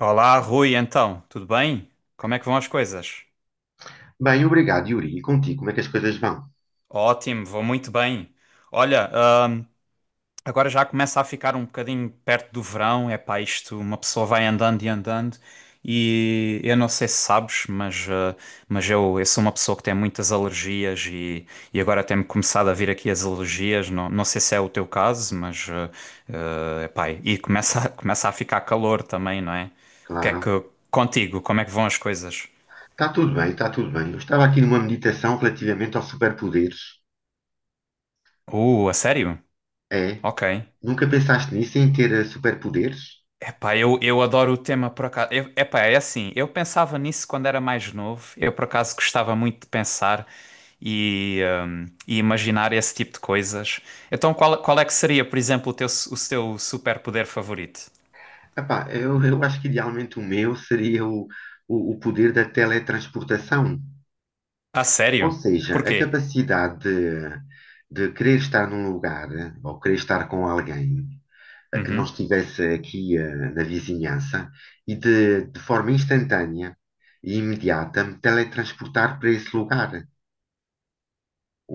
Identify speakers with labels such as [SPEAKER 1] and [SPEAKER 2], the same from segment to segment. [SPEAKER 1] Olá, Rui, então, tudo bem? Como é que vão as coisas?
[SPEAKER 2] Bem, obrigado, Yuri. E contigo, como é que as coisas vão?
[SPEAKER 1] Ótimo, vou muito bem. Olha, agora já começa a ficar um bocadinho perto do verão, é pá, isto, uma pessoa vai andando e andando e eu não sei se sabes, mas, mas eu sou uma pessoa que tem muitas alergias e agora tem-me começado a vir aqui as alergias, não, não sei se é o teu caso, mas, é pá, e começa, começa a ficar calor também, não é? O que é
[SPEAKER 2] Claro.
[SPEAKER 1] que, contigo, como é que vão as coisas?
[SPEAKER 2] Está tudo bem, está tudo bem. Eu estava aqui numa meditação relativamente aos superpoderes.
[SPEAKER 1] A sério?
[SPEAKER 2] É?
[SPEAKER 1] Ok.
[SPEAKER 2] Nunca pensaste nisso, em ter superpoderes?
[SPEAKER 1] Epá, eu adoro o tema por acaso. Eu, epá, é assim, eu pensava nisso quando era mais novo. Eu por acaso gostava muito de pensar e imaginar esse tipo de coisas. Então, qual é que seria, por exemplo, o teu, o teu superpoder favorito?
[SPEAKER 2] Epá, eu acho que idealmente o meu seria o poder da teletransportação.
[SPEAKER 1] Ah,
[SPEAKER 2] Ou
[SPEAKER 1] sério?
[SPEAKER 2] seja, a
[SPEAKER 1] Porquê?
[SPEAKER 2] capacidade de querer estar num lugar ou querer estar com alguém a que não
[SPEAKER 1] Uhum.
[SPEAKER 2] estivesse aqui na vizinhança e de forma instantânea e imediata me teletransportar para esse lugar.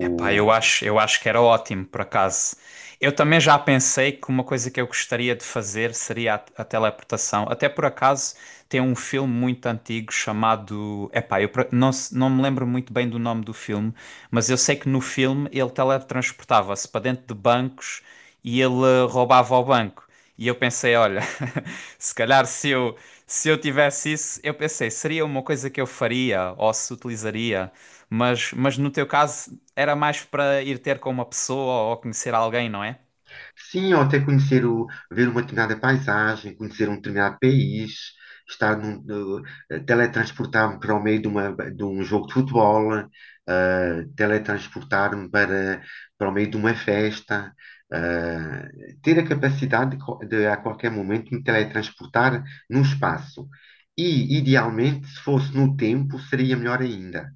[SPEAKER 1] Epá, eu acho que era ótimo, por acaso. Eu também já pensei que uma coisa que eu gostaria de fazer seria a teleportação. Até por acaso tem um filme muito antigo chamado. Epá, não, não me lembro muito bem do nome do filme, mas eu sei que no filme ele teletransportava-se para dentro de bancos e ele roubava o banco. E eu pensei, olha, se calhar se eu, se eu tivesse isso, eu pensei, seria uma coisa que eu faria ou se utilizaria, mas no teu caso era mais para ir ter com uma pessoa ou conhecer alguém, não é?
[SPEAKER 2] Sim, ou até conhecer o, ver uma determinada paisagem, conhecer um determinado país, estar num, no- teletransportar-me para o meio de, uma, de um jogo de futebol, teletransportar-me para, para o meio de uma festa, ter a capacidade de, a qualquer momento me teletransportar no espaço. E, idealmente, se fosse no tempo, seria melhor ainda.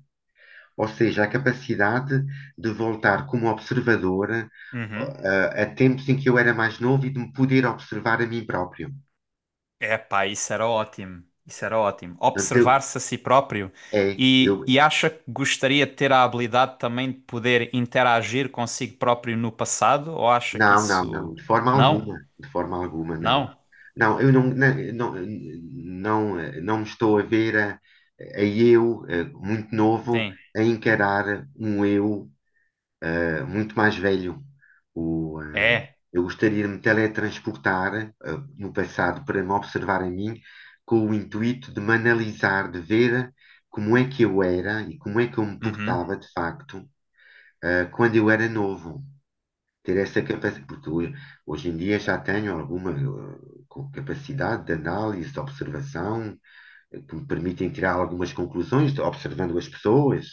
[SPEAKER 2] Ou seja, a capacidade de voltar como observadora
[SPEAKER 1] Uhum.
[SPEAKER 2] a tempos em que eu era mais novo e de me poder observar a mim próprio.
[SPEAKER 1] Epá, isso era ótimo. Isso era ótimo.
[SPEAKER 2] Portanto, eu,
[SPEAKER 1] Observar-se a si próprio
[SPEAKER 2] é,
[SPEAKER 1] e
[SPEAKER 2] eu,
[SPEAKER 1] acha que gostaria de ter a habilidade também de poder interagir consigo próprio no passado ou acha que
[SPEAKER 2] não, não, não,
[SPEAKER 1] isso... Não?
[SPEAKER 2] de forma alguma, não.
[SPEAKER 1] Não?
[SPEAKER 2] Não, eu não, não, não, não, me estou a ver a, muito novo,
[SPEAKER 1] Sim.
[SPEAKER 2] a encarar um eu muito mais velho.
[SPEAKER 1] É.
[SPEAKER 2] Eu gostaria de me teletransportar, no passado para me observar a mim, com o intuito de me analisar, de ver como é que eu era e como é que eu me
[SPEAKER 1] Uhum.
[SPEAKER 2] portava de facto, quando eu era novo. Ter essa capacidade, porque hoje em dia já tenho alguma capacidade de análise, de observação, que me permitem tirar algumas conclusões de- observando as pessoas.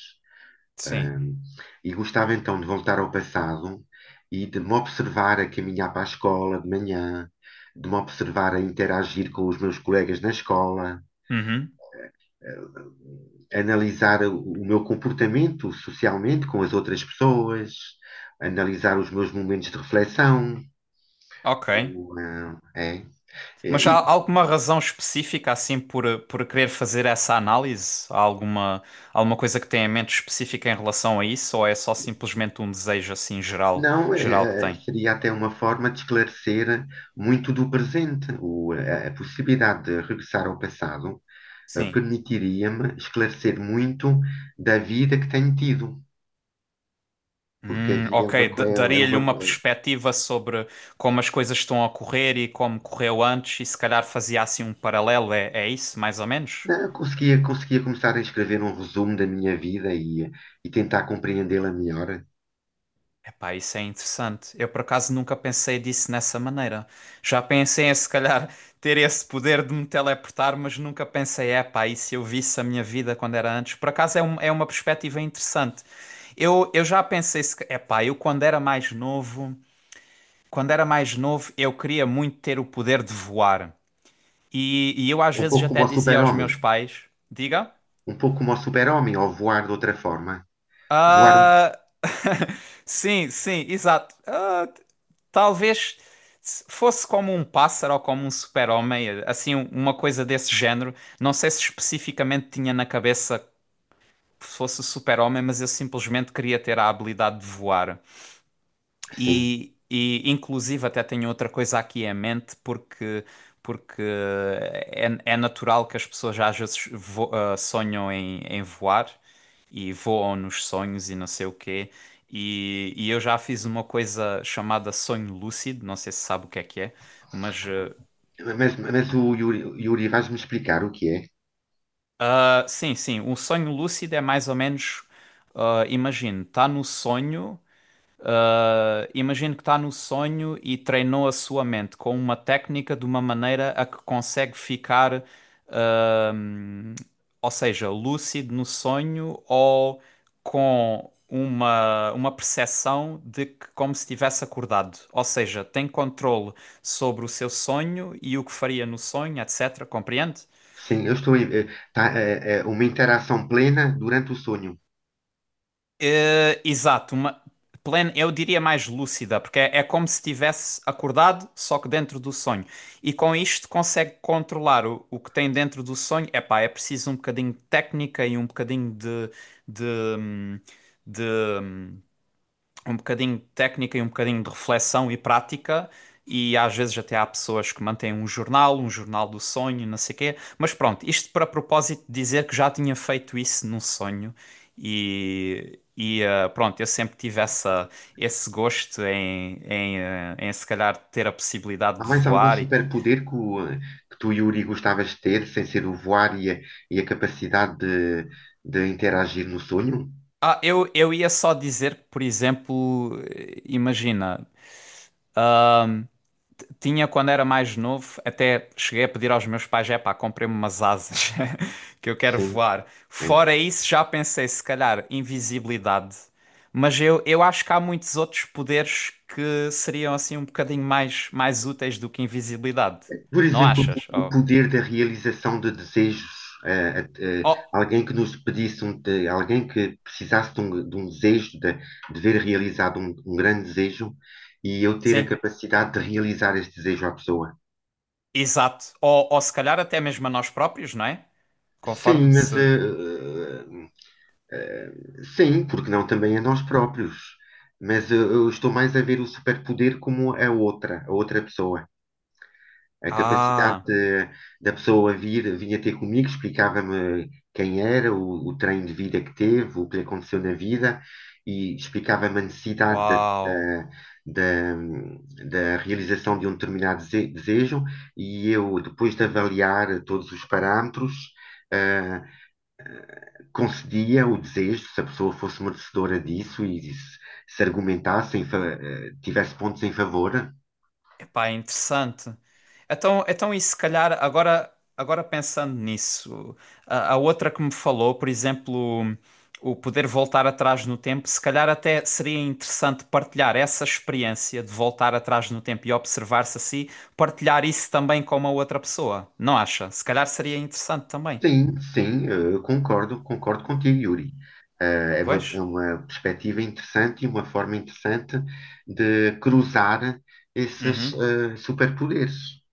[SPEAKER 1] Sim.
[SPEAKER 2] Ahm, e gostava então de voltar ao passado e de me observar a caminhar para a escola de manhã, de me observar a interagir com os meus colegas na escola,
[SPEAKER 1] Uhum.
[SPEAKER 2] analisar o meu comportamento socialmente com as outras pessoas, analisar os meus momentos de reflexão.
[SPEAKER 1] Ok.
[SPEAKER 2] O, ah, é. É,
[SPEAKER 1] Mas há
[SPEAKER 2] e
[SPEAKER 1] alguma razão específica, assim, por querer fazer essa análise? Há alguma, alguma coisa que tem em mente específica em relação a isso? Ou é só simplesmente um desejo, assim,
[SPEAKER 2] Não,
[SPEAKER 1] geral que tem?
[SPEAKER 2] seria até uma forma de esclarecer muito do presente, a possibilidade de regressar ao passado
[SPEAKER 1] Sim.
[SPEAKER 2] permitiria-me esclarecer muito da vida que tenho tido. Porque a vida é uma
[SPEAKER 1] Ok.
[SPEAKER 2] coisa.
[SPEAKER 1] Daria-lhe uma perspectiva sobre como as coisas estão a correr e como correu antes e se calhar fazia, assim, um paralelo. É, é isso, mais ou menos?
[SPEAKER 2] Não, eu conseguia, conseguia começar a escrever um resumo da minha vida e tentar compreendê-la melhor.
[SPEAKER 1] Epá, isso é interessante. Eu por acaso nunca pensei disso nessa maneira. Já pensei em se calhar ter esse poder de me teleportar, mas nunca pensei, epá, e se eu visse a minha vida quando era antes? Por acaso é, é uma perspectiva interessante. Eu já pensei, se ca- epá, eu quando era mais novo, quando era mais novo, eu queria muito ter o poder de voar. E eu às
[SPEAKER 2] Um
[SPEAKER 1] vezes
[SPEAKER 2] pouco
[SPEAKER 1] até
[SPEAKER 2] como o
[SPEAKER 1] dizia aos
[SPEAKER 2] super-homem.
[SPEAKER 1] meus pais, diga?
[SPEAKER 2] Um pouco como o super-homem, ou voar de outra forma. Voar,
[SPEAKER 1] Ah, sim, sim, exato. Ah, talvez se fosse como um pássaro ou como um super-homem, assim, uma coisa desse género. Não sei se especificamente tinha na cabeça que fosse o super-homem, mas eu simplesmente queria ter a habilidade de voar.
[SPEAKER 2] sim.
[SPEAKER 1] E inclusive até tenho outra coisa aqui em mente, porque, porque é, é natural que as pessoas às vezes sonham em, em voar e voam nos sonhos e não sei o quê. E eu já fiz uma coisa chamada sonho lúcido, não sei se sabe o que é, mas
[SPEAKER 2] Mas o Yuri, Yuri, vais-me explicar o que é?
[SPEAKER 1] sim, sim, o sonho lúcido é mais ou menos, imagino, imagina, tá no sonho. Ah, imagino que está no sonho e treinou a sua mente com uma técnica de uma maneira a que consegue ficar, ahm, ou seja, lúcido no sonho ou com uma percepção de que como se tivesse acordado. Ou seja, tem controle sobre o seu sonho e o que faria no sonho, etc. Compreende?
[SPEAKER 2] Sim, eu estou em, tá, uma interação plena durante o sonho.
[SPEAKER 1] Exato, uma plena, eu diria mais lúcida, porque é, é como se tivesse acordado, só que dentro do sonho. E com isto consegue controlar o que tem dentro do sonho. Epá, é preciso um bocadinho de técnica e um bocadinho de, de, hum, de um bocadinho de técnica e um bocadinho de reflexão e prática. E às vezes até há pessoas que mantêm um jornal do sonho, não sei o quê. Mas pronto, isto para propósito de dizer que já tinha feito isso num sonho. E, pronto, eu sempre tive essa, esse gosto em, em se calhar ter a possibilidade
[SPEAKER 2] Há
[SPEAKER 1] de
[SPEAKER 2] mais algum
[SPEAKER 1] voar.
[SPEAKER 2] superpoder que tu, Yuri, gostavas de ter, sem ser o voar e a capacidade de interagir no sonho?
[SPEAKER 1] Ah, eu ia só dizer que, por exemplo, imagina. ah, Tinha quando era mais novo, até cheguei a pedir aos meus pais, é pá, comprei-me umas asas que eu quero
[SPEAKER 2] Sim.
[SPEAKER 1] voar.
[SPEAKER 2] É.
[SPEAKER 1] Fora isso, já pensei, se calhar, invisibilidade. Mas eu acho que há muitos outros poderes que seriam assim um bocadinho mais, mais úteis do que invisibilidade.
[SPEAKER 2] Por
[SPEAKER 1] Não
[SPEAKER 2] exemplo,
[SPEAKER 1] achas?
[SPEAKER 2] o
[SPEAKER 1] Ou,
[SPEAKER 2] poder da realização de desejos.
[SPEAKER 1] oh,
[SPEAKER 2] Alguém que nos pedisse, alguém que precisasse de um desejo, de ver realizado um, um grande desejo, e eu ter a
[SPEAKER 1] sim,
[SPEAKER 2] capacidade de realizar esse desejo à pessoa.
[SPEAKER 1] exato. Ou se calhar até mesmo a nós próprios, não é?
[SPEAKER 2] Sim,
[SPEAKER 1] Conforme
[SPEAKER 2] mas
[SPEAKER 1] se.
[SPEAKER 2] eh, Uh, sim, porque não também a nós próprios. Mas eu estou mais a ver o superpoder como a outra pessoa. A capacidade
[SPEAKER 1] Ah,
[SPEAKER 2] de- da pessoa vir, vinha ter comigo, explicava-me quem era, o trem de vida que teve, o que lhe aconteceu na vida, e explicava-me a necessidade
[SPEAKER 1] uau.
[SPEAKER 2] da, da, da realização de um determinado desejo, e eu, depois de avaliar todos os parâmetros, eh, concedia o desejo, se a pessoa fosse merecedora disso e se argumentasse, tivesse pontos em favor.
[SPEAKER 1] Epá, é interessante. Então, então e se calhar, agora, agora pensando nisso, a outra que me falou, por exemplo, o poder voltar atrás no tempo, se calhar até seria interessante partilhar essa experiência de voltar atrás no tempo e observar-se assim, partilhar isso também com uma outra pessoa, não acha? Se calhar seria interessante também,
[SPEAKER 2] Sim, sim, concordo, concordo contigo, Yuri. É uma,
[SPEAKER 1] pois?
[SPEAKER 2] é uma perspectiva interessante e uma forma interessante de cruzar esses
[SPEAKER 1] Uhum.
[SPEAKER 2] superpoderes.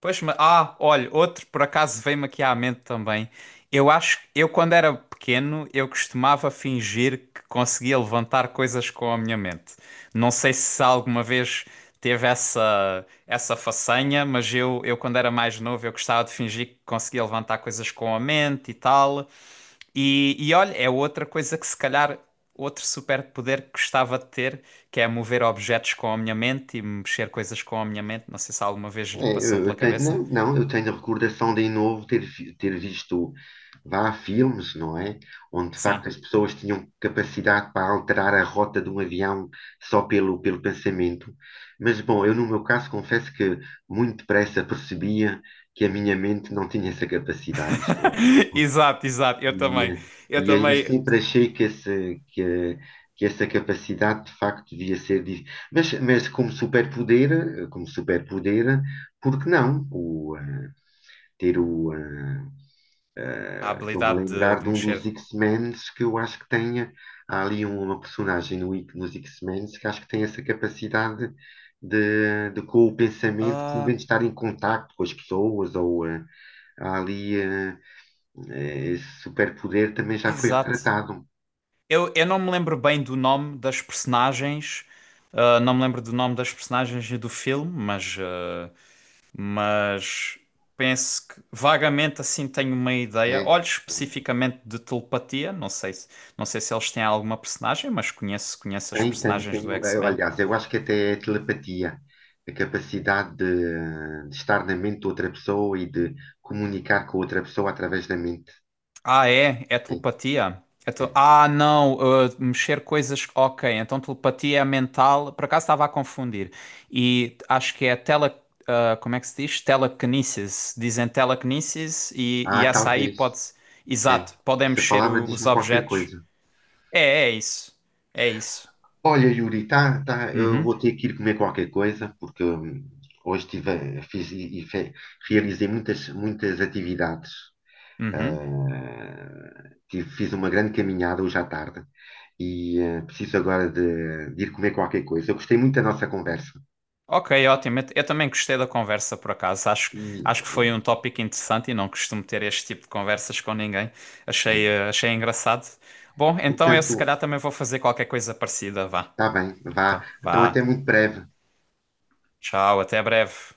[SPEAKER 1] Pois, mas, ah, olha, outro por acaso veio-me aqui à mente também. Eu acho, eu quando era pequeno, eu costumava fingir que conseguia levantar coisas com a minha mente. Não sei se alguma vez teve essa essa façanha, mas eu quando era mais novo, eu gostava de fingir que conseguia levantar coisas com a mente e tal. E olha, é outra coisa que se calhar outro superpoder que gostava de ter, que é mover objetos com a minha mente e mexer coisas com a minha mente. Não sei se alguma vez lhe
[SPEAKER 2] É,
[SPEAKER 1] passou
[SPEAKER 2] eu
[SPEAKER 1] pela
[SPEAKER 2] eu tenho, não,
[SPEAKER 1] cabeça.
[SPEAKER 2] não, eu tenho a recordação de em novo ter, ter visto vá filmes, não é? Onde de facto
[SPEAKER 1] Sim.
[SPEAKER 2] as pessoas tinham capacidade para alterar a rota de um avião só pelo, pelo pensamento. Mas bom, eu no meu caso confesso que muito depressa percebia que a minha mente não tinha essa capacidade. Isto é.
[SPEAKER 1] Exato, exato. Eu
[SPEAKER 2] E,
[SPEAKER 1] também.
[SPEAKER 2] eh,
[SPEAKER 1] Eu
[SPEAKER 2] e
[SPEAKER 1] também.
[SPEAKER 2] sempre achei que, esse, que, eh, que essa capacidade de facto devia ser. Mas como superpoder, como superpoder, por que não? O, eh, ter o. eh,
[SPEAKER 1] A
[SPEAKER 2] Estou-me a
[SPEAKER 1] habilidade
[SPEAKER 2] lembrar
[SPEAKER 1] de
[SPEAKER 2] de um dos
[SPEAKER 1] mexer.
[SPEAKER 2] X-Men que eu acho que tem. Há ali uma personagem no, nos X-Men que acho que tem essa capacidade de, com o pensamento, pelo
[SPEAKER 1] Ah,
[SPEAKER 2] menos estar em contacto com as pessoas, há ali. Esse superpoder também já foi
[SPEAKER 1] exato.
[SPEAKER 2] retratado.
[SPEAKER 1] Eu não me lembro bem do nome das personagens. Não me lembro do nome das personagens e do filme, mas, mas penso que vagamente assim tenho uma
[SPEAKER 2] É,
[SPEAKER 1] ideia. Olho
[SPEAKER 2] é.
[SPEAKER 1] especificamente de telepatia. Não sei se, não sei se eles têm alguma personagem, mas conheço, conheço as
[SPEAKER 2] Tem, tem,
[SPEAKER 1] personagens
[SPEAKER 2] tem.
[SPEAKER 1] do X-Men.
[SPEAKER 2] Aliás, eu acho que até é telepatia, a capacidade de estar na mente de outra pessoa e de comunicar com outra pessoa através da mente.
[SPEAKER 1] Ah, é? É
[SPEAKER 2] É,
[SPEAKER 1] telepatia?
[SPEAKER 2] é.
[SPEAKER 1] Ah, não, mexer coisas. Ok, então telepatia é mental. Por acaso estava a confundir. E acho que é tele. Como é que se diz? Telekinesis. Dizem telekinesis e
[SPEAKER 2] É.
[SPEAKER 1] essa aí
[SPEAKER 2] Talvez.
[SPEAKER 1] pode.
[SPEAKER 2] É.
[SPEAKER 1] Exato, podem
[SPEAKER 2] Essa
[SPEAKER 1] mexer
[SPEAKER 2] palavra
[SPEAKER 1] os
[SPEAKER 2] diz-me qualquer
[SPEAKER 1] objetos.
[SPEAKER 2] coisa.
[SPEAKER 1] É, é isso. É isso.
[SPEAKER 2] Olha, Yuri, tá, tá, eu
[SPEAKER 1] Uhum,
[SPEAKER 2] vou ter que ir comer qualquer coisa, porque hoje tive, a- fiz e fe- realizei muitas, muitas atividades.
[SPEAKER 1] uhum.
[SPEAKER 2] Tive- fiz uma grande caminhada hoje à tarde e preciso agora de ir comer qualquer coisa. Eu gostei muito da nossa conversa.
[SPEAKER 1] Ok, ótimo. Eu também gostei da conversa, por acaso. Acho,
[SPEAKER 2] E,
[SPEAKER 1] acho que
[SPEAKER 2] eh,
[SPEAKER 1] foi um tópico interessante e não costumo ter este tipo de conversas com ninguém.
[SPEAKER 2] eh,
[SPEAKER 1] Achei, achei engraçado. Bom, então eu se
[SPEAKER 2] Portanto,
[SPEAKER 1] calhar também vou fazer qualquer coisa parecida. Vá.
[SPEAKER 2] está bem, vá.
[SPEAKER 1] Então,
[SPEAKER 2] Então,
[SPEAKER 1] vá.
[SPEAKER 2] até muito breve.
[SPEAKER 1] Tchau, até breve.